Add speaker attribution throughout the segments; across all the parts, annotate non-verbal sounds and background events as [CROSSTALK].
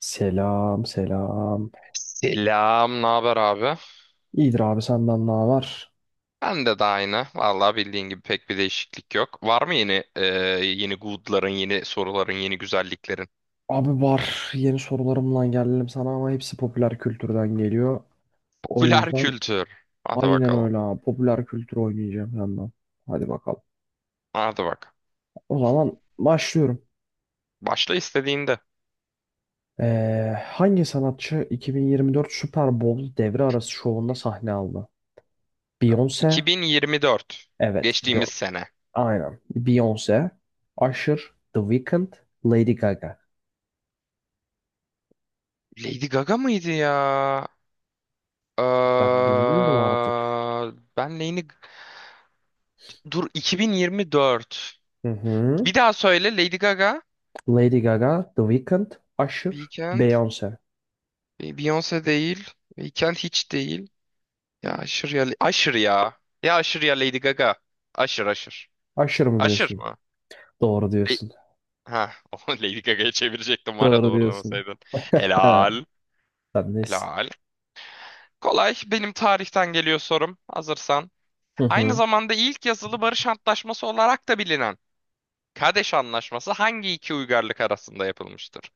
Speaker 1: Selam selam.
Speaker 2: Selam, ne haber abi?
Speaker 1: İyidir abi senden ne var?
Speaker 2: Ben de aynı. Vallahi bildiğin gibi pek bir değişiklik yok. Var mı yeni good'ların, yeni soruların, yeni güzelliklerin?
Speaker 1: Abi var yeni sorularımla geldim sana ama hepsi popüler kültürden geliyor.
Speaker 2: [LAUGHS]
Speaker 1: O
Speaker 2: Popüler
Speaker 1: yüzden
Speaker 2: kültür. Hadi
Speaker 1: aynen
Speaker 2: bakalım.
Speaker 1: öyle abi popüler kültür oynayacağım yandan. Hadi bakalım.
Speaker 2: Hadi bak.
Speaker 1: O zaman başlıyorum.
Speaker 2: Başla istediğinde.
Speaker 1: Hangi sanatçı 2024 Super Bowl devre arası şovunda sahne aldı? Beyoncé.
Speaker 2: 2024.
Speaker 1: Evet
Speaker 2: Geçtiğimiz
Speaker 1: Beyoncé.
Speaker 2: sene.
Speaker 1: Aynen. Beyoncé. Usher. The Weeknd. Lady Gaga.
Speaker 2: Lady Gaga mıydı ya?
Speaker 1: Ben
Speaker 2: Ee,
Speaker 1: bilmiyorum artık.
Speaker 2: ben Lady... Dur 2024.
Speaker 1: Hı hı.
Speaker 2: Bir daha söyle Lady Gaga.
Speaker 1: Lady Gaga, The Weeknd, Usher,
Speaker 2: Weekend.
Speaker 1: Beyoncé.
Speaker 2: Beyoncé değil. Weekend hiç değil. Ya aşır ya. Aşır ya. Ya aşır ya Lady Gaga. Aşır aşır.
Speaker 1: Usher mı
Speaker 2: Aşır
Speaker 1: diyorsun?
Speaker 2: mı?
Speaker 1: Doğru
Speaker 2: Le-
Speaker 1: diyorsun.
Speaker 2: ha, [LAUGHS] o Lady Gaga'ya çevirecektim var ya
Speaker 1: Doğru diyorsun.
Speaker 2: doğrulamasaydın.
Speaker 1: He,
Speaker 2: Helal.
Speaker 1: sen neyse.
Speaker 2: Helal. Kolay. Benim tarihten geliyor sorum. Hazırsan.
Speaker 1: Hı
Speaker 2: Aynı
Speaker 1: hı.
Speaker 2: zamanda ilk yazılı barış antlaşması olarak da bilinen Kadeş Anlaşması hangi iki uygarlık arasında yapılmıştır?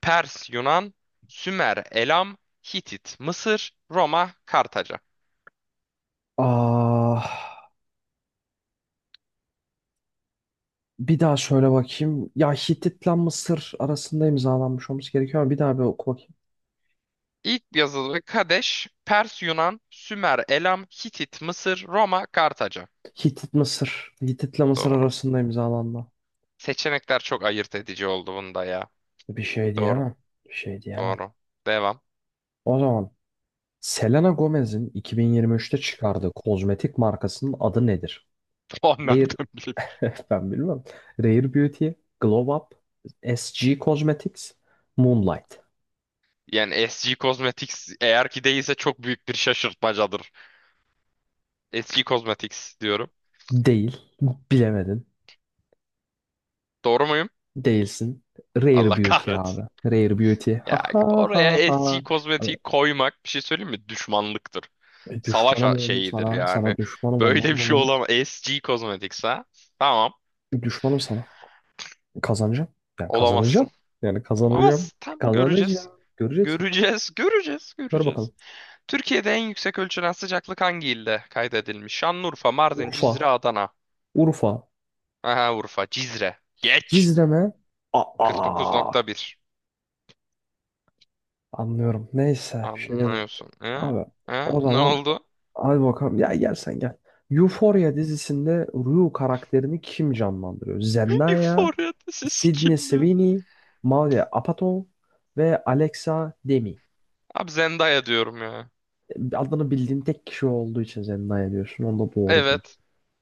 Speaker 2: Pers, Yunan, Sümer, Elam, Hitit, Mısır, Roma, Kartaca.
Speaker 1: Ah, bir daha şöyle bakayım. Ya Hitit'le Mısır arasında imzalanmış olması gerekiyor ama bir daha bir oku bakayım.
Speaker 2: İlk yazılı Kadeş, Pers, Yunan, Sümer, Elam, Hitit, Mısır, Roma, Kartaca.
Speaker 1: Hitit Mısır. Hitit'le Mısır
Speaker 2: Doğru.
Speaker 1: arasında imzalanma.
Speaker 2: Seçenekler çok ayırt edici oldu bunda ya.
Speaker 1: Bir şey
Speaker 2: Doğru.
Speaker 1: diyemem. Bir şey diyemem.
Speaker 2: Doğru. Devam. [LAUGHS]
Speaker 1: O zaman Selena Gomez'in 2023'te çıkardığı kozmetik markasının adı nedir?
Speaker 2: O
Speaker 1: Air,
Speaker 2: nereden bileyim?
Speaker 1: ben bilmem. Rare Beauty, Glow Up, SG Cosmetics, Moonlight.
Speaker 2: Yani SG Cosmetics eğer ki değilse çok büyük bir şaşırtmacadır. SG Cosmetics diyorum.
Speaker 1: Değil. Bilemedin.
Speaker 2: Doğru muyum?
Speaker 1: Değilsin. Rare
Speaker 2: Allah [LAUGHS]
Speaker 1: Beauty abi.
Speaker 2: kahretsin.
Speaker 1: Rare Beauty. Ha
Speaker 2: Ya
Speaker 1: ha
Speaker 2: oraya
Speaker 1: ha ha.
Speaker 2: SG Cosmetics koymak bir şey söyleyeyim mi? Düşmanlıktır.
Speaker 1: E,
Speaker 2: Savaş
Speaker 1: düşmanım
Speaker 2: a-
Speaker 1: oğlum
Speaker 2: şeyidir
Speaker 1: sana.
Speaker 2: yani.
Speaker 1: Sana düşmanım
Speaker 2: Böyle bir
Speaker 1: ondan
Speaker 2: şey
Speaker 1: dolayı.
Speaker 2: olamaz. SG Cosmetics ha? Tamam.
Speaker 1: Düşmanım sana. Kazanacağım. Yani kazanacağım.
Speaker 2: Olamazsın.
Speaker 1: Yani kazanacağım.
Speaker 2: Olamaz. Tam göreceğiz.
Speaker 1: Kazanacağım. Göreceksin.
Speaker 2: Göreceğiz, göreceğiz,
Speaker 1: Gör
Speaker 2: göreceğiz.
Speaker 1: bakalım.
Speaker 2: Türkiye'de en yüksek ölçülen sıcaklık hangi ilde kaydedilmiş? Şanlıurfa, Mardin,
Speaker 1: Urfa.
Speaker 2: Cizre, Adana.
Speaker 1: Urfa.
Speaker 2: Aha Urfa, Cizre. Geç.
Speaker 1: Cizreme. Aa.
Speaker 2: 49,1.
Speaker 1: Anlıyorum. Neyse. Bir şey demiyorum.
Speaker 2: Anlıyorsun. Ha?
Speaker 1: Abi.
Speaker 2: Ha?
Speaker 1: O
Speaker 2: Ne
Speaker 1: zaman
Speaker 2: oldu?
Speaker 1: hadi bakalım. Ya gel sen gel. Euphoria dizisinde Rue
Speaker 2: [LAUGHS]
Speaker 1: karakterini kim canlandırıyor? Zendaya,
Speaker 2: Euphoria'da sesi
Speaker 1: Sydney
Speaker 2: kim ya?
Speaker 1: Sweeney, Maria Apatow ve Alexa Demi.
Speaker 2: Abi Zendaya diyorum ya.
Speaker 1: E, adını bildiğin tek kişi olduğu için Zendaya diyorsun. Onu da doğru diyorsun.
Speaker 2: Evet.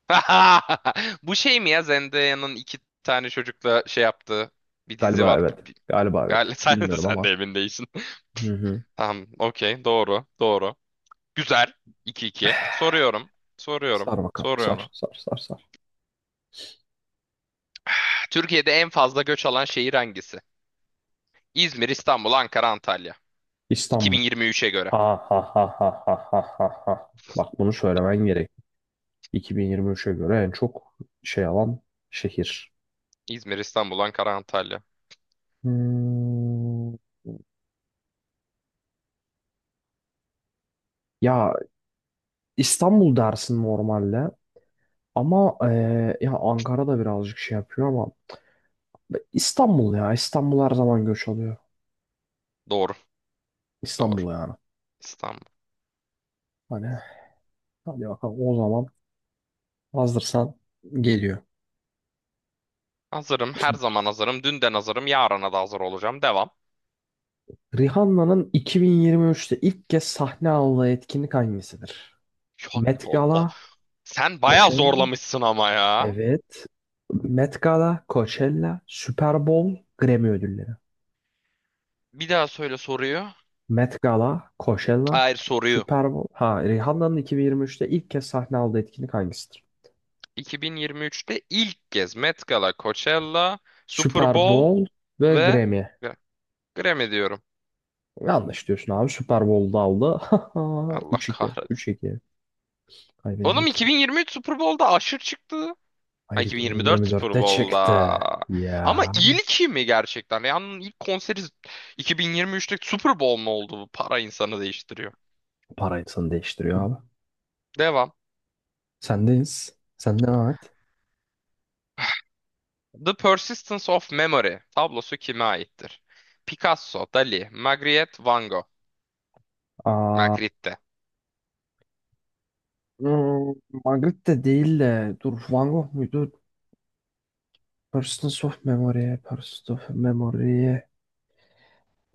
Speaker 2: [LAUGHS] Bu şey mi ya Zendaya'nın iki tane çocukla şey yaptığı bir dizi
Speaker 1: Galiba
Speaker 2: var.
Speaker 1: evet. Galiba evet.
Speaker 2: Galiba [LAUGHS] sen,
Speaker 1: Bilmiyorum
Speaker 2: sen
Speaker 1: ama.
Speaker 2: de emin değilsin.
Speaker 1: Hı hı.
Speaker 2: Tamam, okey, doğru, doğru. Güzel. 2-2. Soruyorum, soruyorum,
Speaker 1: Sar bakalım. Sar,
Speaker 2: soruyorum.
Speaker 1: sar, sar, sar.
Speaker 2: Türkiye'de en fazla göç alan şehir hangisi? İzmir, İstanbul, Ankara, Antalya.
Speaker 1: İstanbul.
Speaker 2: 2023'e göre.
Speaker 1: Ha ha ha ha ha ha ha, ha. Bak bunu söylemen gerek. 2023'e göre en çok şey alan şehir.
Speaker 2: İzmir, İstanbul, Ankara, Antalya.
Speaker 1: Hmm, Ya İstanbul dersin normalde ama ya Ankara da birazcık şey yapıyor ama İstanbul, ya İstanbul her zaman göç alıyor.
Speaker 2: Doğru, doğru.
Speaker 1: İstanbul yani.
Speaker 2: İstanbul.
Speaker 1: Hani hadi bakalım o zaman hazırsan geliyor.
Speaker 2: Hazırım, her
Speaker 1: Şimdi
Speaker 2: zaman hazırım. Dünden hazırım, yarına da hazır olacağım. Devam.
Speaker 1: Rihanna'nın 2023'te ilk kez sahne aldığı etkinlik hangisidir?
Speaker 2: [LAUGHS] Ya ne
Speaker 1: Met
Speaker 2: Allah.
Speaker 1: Gala,
Speaker 2: Sen bayağı
Speaker 1: Coachella,
Speaker 2: zorlamışsın ama ya.
Speaker 1: evet. Met Gala, Coachella, Super Bowl, Grammy ödülleri.
Speaker 2: Bir daha söyle soruyu.
Speaker 1: Met Gala, Coachella,
Speaker 2: Hayır soruyu.
Speaker 1: Super Bowl. Ha, Rihanna'nın 2023'te ilk kez sahne aldığı etkinlik hangisidir?
Speaker 2: 2023'te ilk kez Met Gala, Coachella, Super
Speaker 1: Super
Speaker 2: Bowl.
Speaker 1: Bowl ve
Speaker 2: Ve
Speaker 1: Grammy.
Speaker 2: Gra- Grammy diyorum.
Speaker 1: Yanlış diyorsun abi. Super Bowl'da aldı. [LAUGHS]
Speaker 2: Allah
Speaker 1: Üç iki, üç
Speaker 2: kahretsin.
Speaker 1: iki.
Speaker 2: Oğlum
Speaker 1: Kaybedeceksin.
Speaker 2: 2023 Super Bowl'da Usher çıktı. Ha,
Speaker 1: Hayır
Speaker 2: 2024 Super
Speaker 1: 2024'te çıktı.
Speaker 2: Bowl'da. Ama
Speaker 1: Ya.
Speaker 2: ilki mi gerçekten? Yani ilk konseri 2023'te Super Bowl mu oldu? Bu para insanı değiştiriyor.
Speaker 1: Parasını değiştiriyor abi.
Speaker 2: Devam.
Speaker 1: Sendeyiz. Sen devam et.
Speaker 2: The Persistence of Memory tablosu kime aittir? Picasso, Dali, Magritte, Van Gogh.
Speaker 1: Aa,
Speaker 2: Magritte.
Speaker 1: hmm, Magritte değil de dur, Van Gogh muydu? Persons of Memory. Persons of Memory.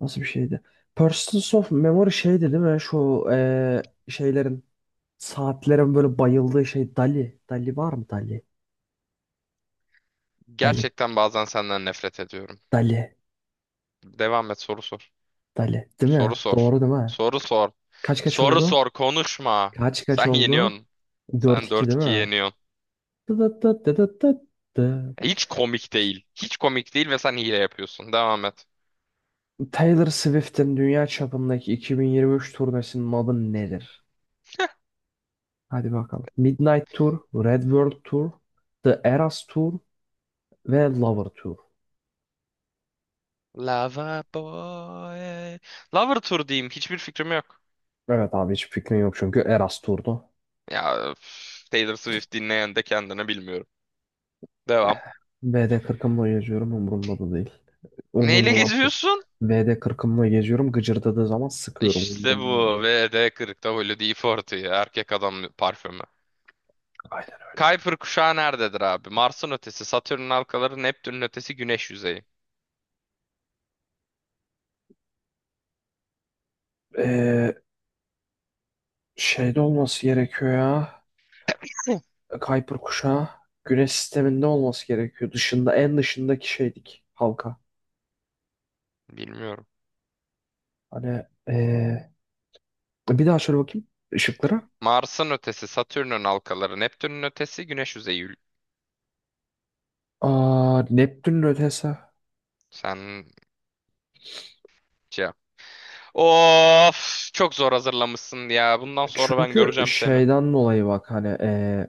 Speaker 1: Nasıl bir şeydi? Persistence of Memory şeydi değil mi? Şu saatlerin böyle bayıldığı şey, Dali. Dali var mı, Dali? Dali.
Speaker 2: Gerçekten bazen senden nefret ediyorum.
Speaker 1: Dali.
Speaker 2: Devam et, soru sor.
Speaker 1: Dali. Değil
Speaker 2: Soru
Speaker 1: mi?
Speaker 2: sor.
Speaker 1: Doğru değil mi?
Speaker 2: Soru sor.
Speaker 1: Kaç kaç
Speaker 2: Soru
Speaker 1: oldu?
Speaker 2: sor, konuşma.
Speaker 1: Kaç kaç
Speaker 2: Sen
Speaker 1: oldu?
Speaker 2: yeniyorsun.
Speaker 1: Dört
Speaker 2: Sen
Speaker 1: iki
Speaker 2: dört
Speaker 1: değil
Speaker 2: 2
Speaker 1: mi?
Speaker 2: yeniyorsun.
Speaker 1: Dı dı dı dı dı dı dı.
Speaker 2: Hiç komik değil. Hiç komik değil ve sen hile yapıyorsun. Devam et.
Speaker 1: Taylor Swift'in dünya çapındaki 2023 turnesinin adı nedir? Hadi bakalım. Midnight Tour, Red World Tour, The Eras Tour ve Lover Tour.
Speaker 2: Lava boy. Lover Tour diyeyim. Hiçbir fikrim yok.
Speaker 1: Evet abi hiç fikrim yok çünkü Eras turdu.
Speaker 2: Ya üf, Taylor Swift dinleyen de kendini bilmiyorum. Devam.
Speaker 1: VD40'ımla geziyorum, umurumda da değil. Umurumda
Speaker 2: Neyle
Speaker 1: olan değil.
Speaker 2: geziyorsun?
Speaker 1: VD40'ımla geziyorum, gıcırdadığı zaman sıkıyorum,
Speaker 2: İşte
Speaker 1: umurumda değil.
Speaker 2: bu. VD40'da Holiday 40 Erkek adam parfümü.
Speaker 1: Aynen öyle.
Speaker 2: Kuiper kuşağı nerededir abi? Mars'ın ötesi, Satürn'ün halkaları, Neptün'ün ötesi, Güneş yüzeyi.
Speaker 1: Ee, Şeyde olması gerekiyor ya.
Speaker 2: [LAUGHS]
Speaker 1: Kuiper kuşağı. Güneş sisteminde olması gerekiyor. Dışında, en dışındaki şeydik, halka.
Speaker 2: Bilmiyorum.
Speaker 1: Hani ee, bir daha şöyle bakayım ışıklara.
Speaker 2: Mars'ın ötesi, Satürn'ün halkaları, Neptün'ün ötesi, Güneş yüzeyi. Ül-
Speaker 1: Aa, Neptün'ün ötesi.
Speaker 2: sen cevap. Of, çok zor hazırlamışsın ya. Bundan sonra ben
Speaker 1: Çünkü
Speaker 2: göreceğim seni.
Speaker 1: şeyden dolayı, bak hani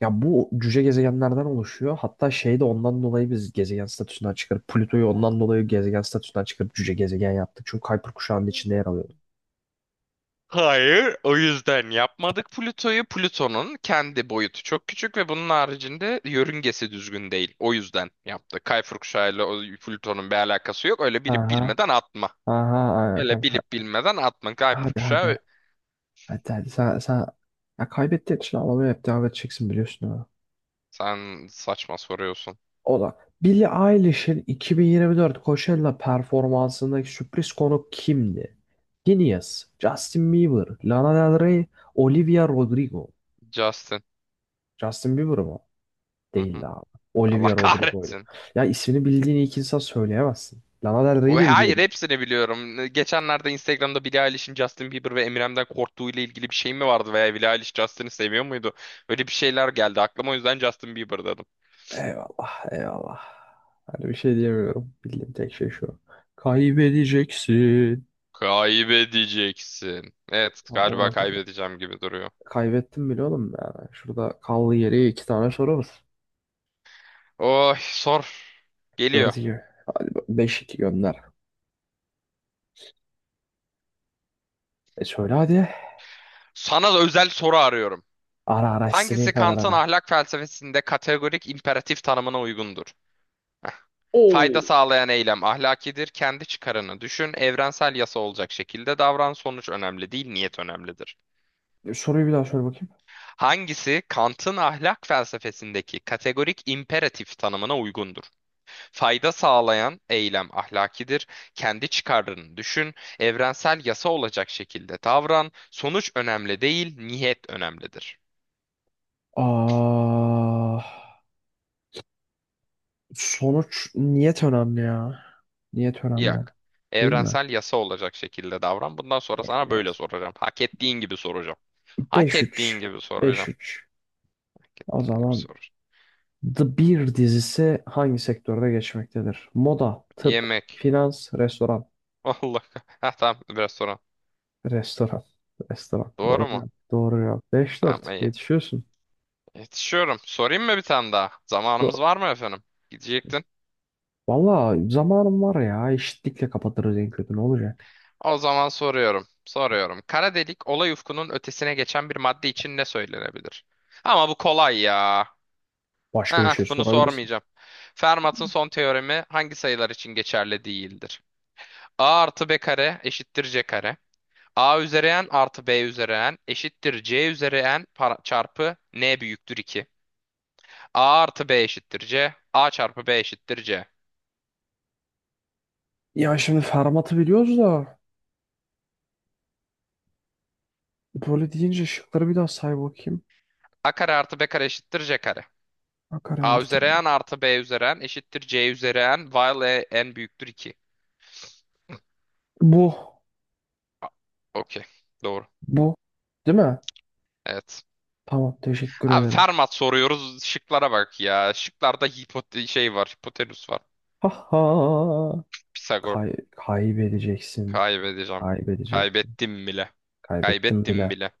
Speaker 1: ya bu cüce gezegenlerden oluşuyor. Hatta şey de ondan dolayı biz gezegen statüsünden çıkarıp Plüto'yu ondan dolayı gezegen statüsünden çıkarıp cüce gezegen yaptık. Çünkü Kuiper kuşağının içinde yer alıyordu.
Speaker 2: Hayır, o yüzden yapmadık Plüto'yu. Plüton'un kendi boyutu çok küçük ve bunun haricinde yörüngesi düzgün değil. O yüzden yaptık. Kayfur kuşağıyla o Plüton'un bir alakası yok. Öyle bilip
Speaker 1: Aha.
Speaker 2: bilmeden atma.
Speaker 1: Aha aynen
Speaker 2: Öyle bilip
Speaker 1: kanka.
Speaker 2: bilmeden atma. Kayfur
Speaker 1: Hadi hadi.
Speaker 2: kuşağı,
Speaker 1: Hadi hadi. Sen... Ya kaybettiğin için ağlamaya hep devam edeceksin, biliyorsun ha.
Speaker 2: sen saçma soruyorsun.
Speaker 1: O da. Billie Eilish'in 2024 Coachella performansındaki sürpriz konuk kimdi? Phineas, Justin Bieber, Lana Del Rey, Olivia Rodrigo.
Speaker 2: Justin.
Speaker 1: Justin Bieber mı?
Speaker 2: Hı hı.
Speaker 1: Değildi abi.
Speaker 2: Allah
Speaker 1: Olivia Rodrigo'ydu.
Speaker 2: kahretsin.
Speaker 1: Ya ismini bildiğini ilk insan söyleyemezsin. Lana Del
Speaker 2: O-
Speaker 1: Rey'i de
Speaker 2: hayır,
Speaker 1: biliyordum.
Speaker 2: hepsini biliyorum. Geçenlerde Instagram'da Billie Eilish'in Justin Bieber ve Eminem'den korktuğu ile ilgili bir şey mi vardı veya Billie Eilish Justin'i seviyor muydu? Öyle bir şeyler geldi aklıma, o yüzden Justin Bieber dedim.
Speaker 1: Eyvallah, eyvallah. Hani bir şey diyemiyorum. Bildiğim tek şey şu. Kaybedeceksin.
Speaker 2: Kaybedeceksin. Evet,
Speaker 1: Tam
Speaker 2: galiba
Speaker 1: olarak öyle.
Speaker 2: kaybedeceğim gibi duruyor.
Speaker 1: Kaybettim bile oğlum yani. Şurada kaldı, geriye iki tane soru var.
Speaker 2: Oh sor, geliyor.
Speaker 1: Dört iki. Beş iki gönder. E söyle hadi.
Speaker 2: Sana da özel soru arıyorum.
Speaker 1: Ara ara istediğin
Speaker 2: Hangisi
Speaker 1: kadar
Speaker 2: Kant'ın
Speaker 1: ara.
Speaker 2: ahlak felsefesinde kategorik imperatif tanımına uygundur? Heh.
Speaker 1: Oo.
Speaker 2: Fayda sağlayan eylem ahlakidir. Kendi çıkarını düşün. Evrensel yasa olacak şekilde davran. Sonuç önemli değil, niyet önemlidir.
Speaker 1: Soruyu bir daha söyle bakayım.
Speaker 2: Hangisi Kant'ın ahlak felsefesindeki kategorik imperatif tanımına uygundur? Fayda sağlayan eylem ahlakidir. Kendi çıkarlarını düşün, evrensel yasa olacak şekilde davran. Sonuç önemli değil, niyet önemlidir.
Speaker 1: Aa, niyet önemli ya. Niyet önemli.
Speaker 2: Yak.
Speaker 1: Değil mi?
Speaker 2: Evrensel yasa olacak şekilde davran. Bundan sonra sana böyle soracağım. Hak ettiğin gibi soracağım. Hak
Speaker 1: Beş
Speaker 2: ettiğin
Speaker 1: üç,
Speaker 2: gibi
Speaker 1: beş
Speaker 2: soracağım.
Speaker 1: üç.
Speaker 2: Hak
Speaker 1: O
Speaker 2: ettiğin gibi
Speaker 1: zaman
Speaker 2: soracağım.
Speaker 1: The Bear dizisi hangi sektörde geçmektedir? Moda, tıp,
Speaker 2: Yemek.
Speaker 1: finans, restoran.
Speaker 2: [LAUGHS] Allah. Ha tamam, biraz sonra.
Speaker 1: Restoran. Restoran.
Speaker 2: Doğru
Speaker 1: Doğru ya.
Speaker 2: mu?
Speaker 1: Doğru ya.
Speaker 2: Tamam
Speaker 1: 5-4.
Speaker 2: iyi.
Speaker 1: Yetişiyorsun.
Speaker 2: Yetişiyorum. Sorayım mı bir tane daha?
Speaker 1: Do-
Speaker 2: Zamanımız var mı efendim? Gidecektin.
Speaker 1: Valla zamanım var ya. Eşitlikle kapatırız en kötü. Ne olacak?
Speaker 2: O zaman soruyorum. Soruyorum. Kara delik olay ufkunun ötesine geçen bir madde için ne söylenebilir? Ama bu kolay ya.
Speaker 1: Başka bir
Speaker 2: Aa,
Speaker 1: şey
Speaker 2: bunu
Speaker 1: sorabilirsin.
Speaker 2: sormayacağım. Fermat'ın son teoremi hangi sayılar için geçerli değildir? A artı B kare eşittir C kare. A üzeri n artı B üzeri n eşittir C üzeri n para- çarpı n büyüktür 2. A artı B eşittir C. A çarpı B eşittir C.
Speaker 1: Ya şimdi Fermat'ı biliyoruz da böyle deyince şıkları bir daha say bakayım.
Speaker 2: A kare artı B kare eşittir C kare.
Speaker 1: Bakar
Speaker 2: A
Speaker 1: artık.
Speaker 2: üzeri n artı b üzeri n eşittir c üzeri n while e- n büyüktür 2.
Speaker 1: Bu.
Speaker 2: A- okey. Doğru.
Speaker 1: Bu. Değil mi?
Speaker 2: Evet.
Speaker 1: Tamam. Teşekkür
Speaker 2: Abi
Speaker 1: ederim.
Speaker 2: Fermat soruyoruz. Şıklara bak ya. Şıklarda hipote şey var. Hipotenüs var.
Speaker 1: Ha ha.
Speaker 2: Pisagor.
Speaker 1: Kay kaybedeceksin.
Speaker 2: Kaybedeceğim.
Speaker 1: Kaybedeceksin.
Speaker 2: Kaybettim bile.
Speaker 1: Kaybettim
Speaker 2: Kaybettim
Speaker 1: bile.
Speaker 2: bile.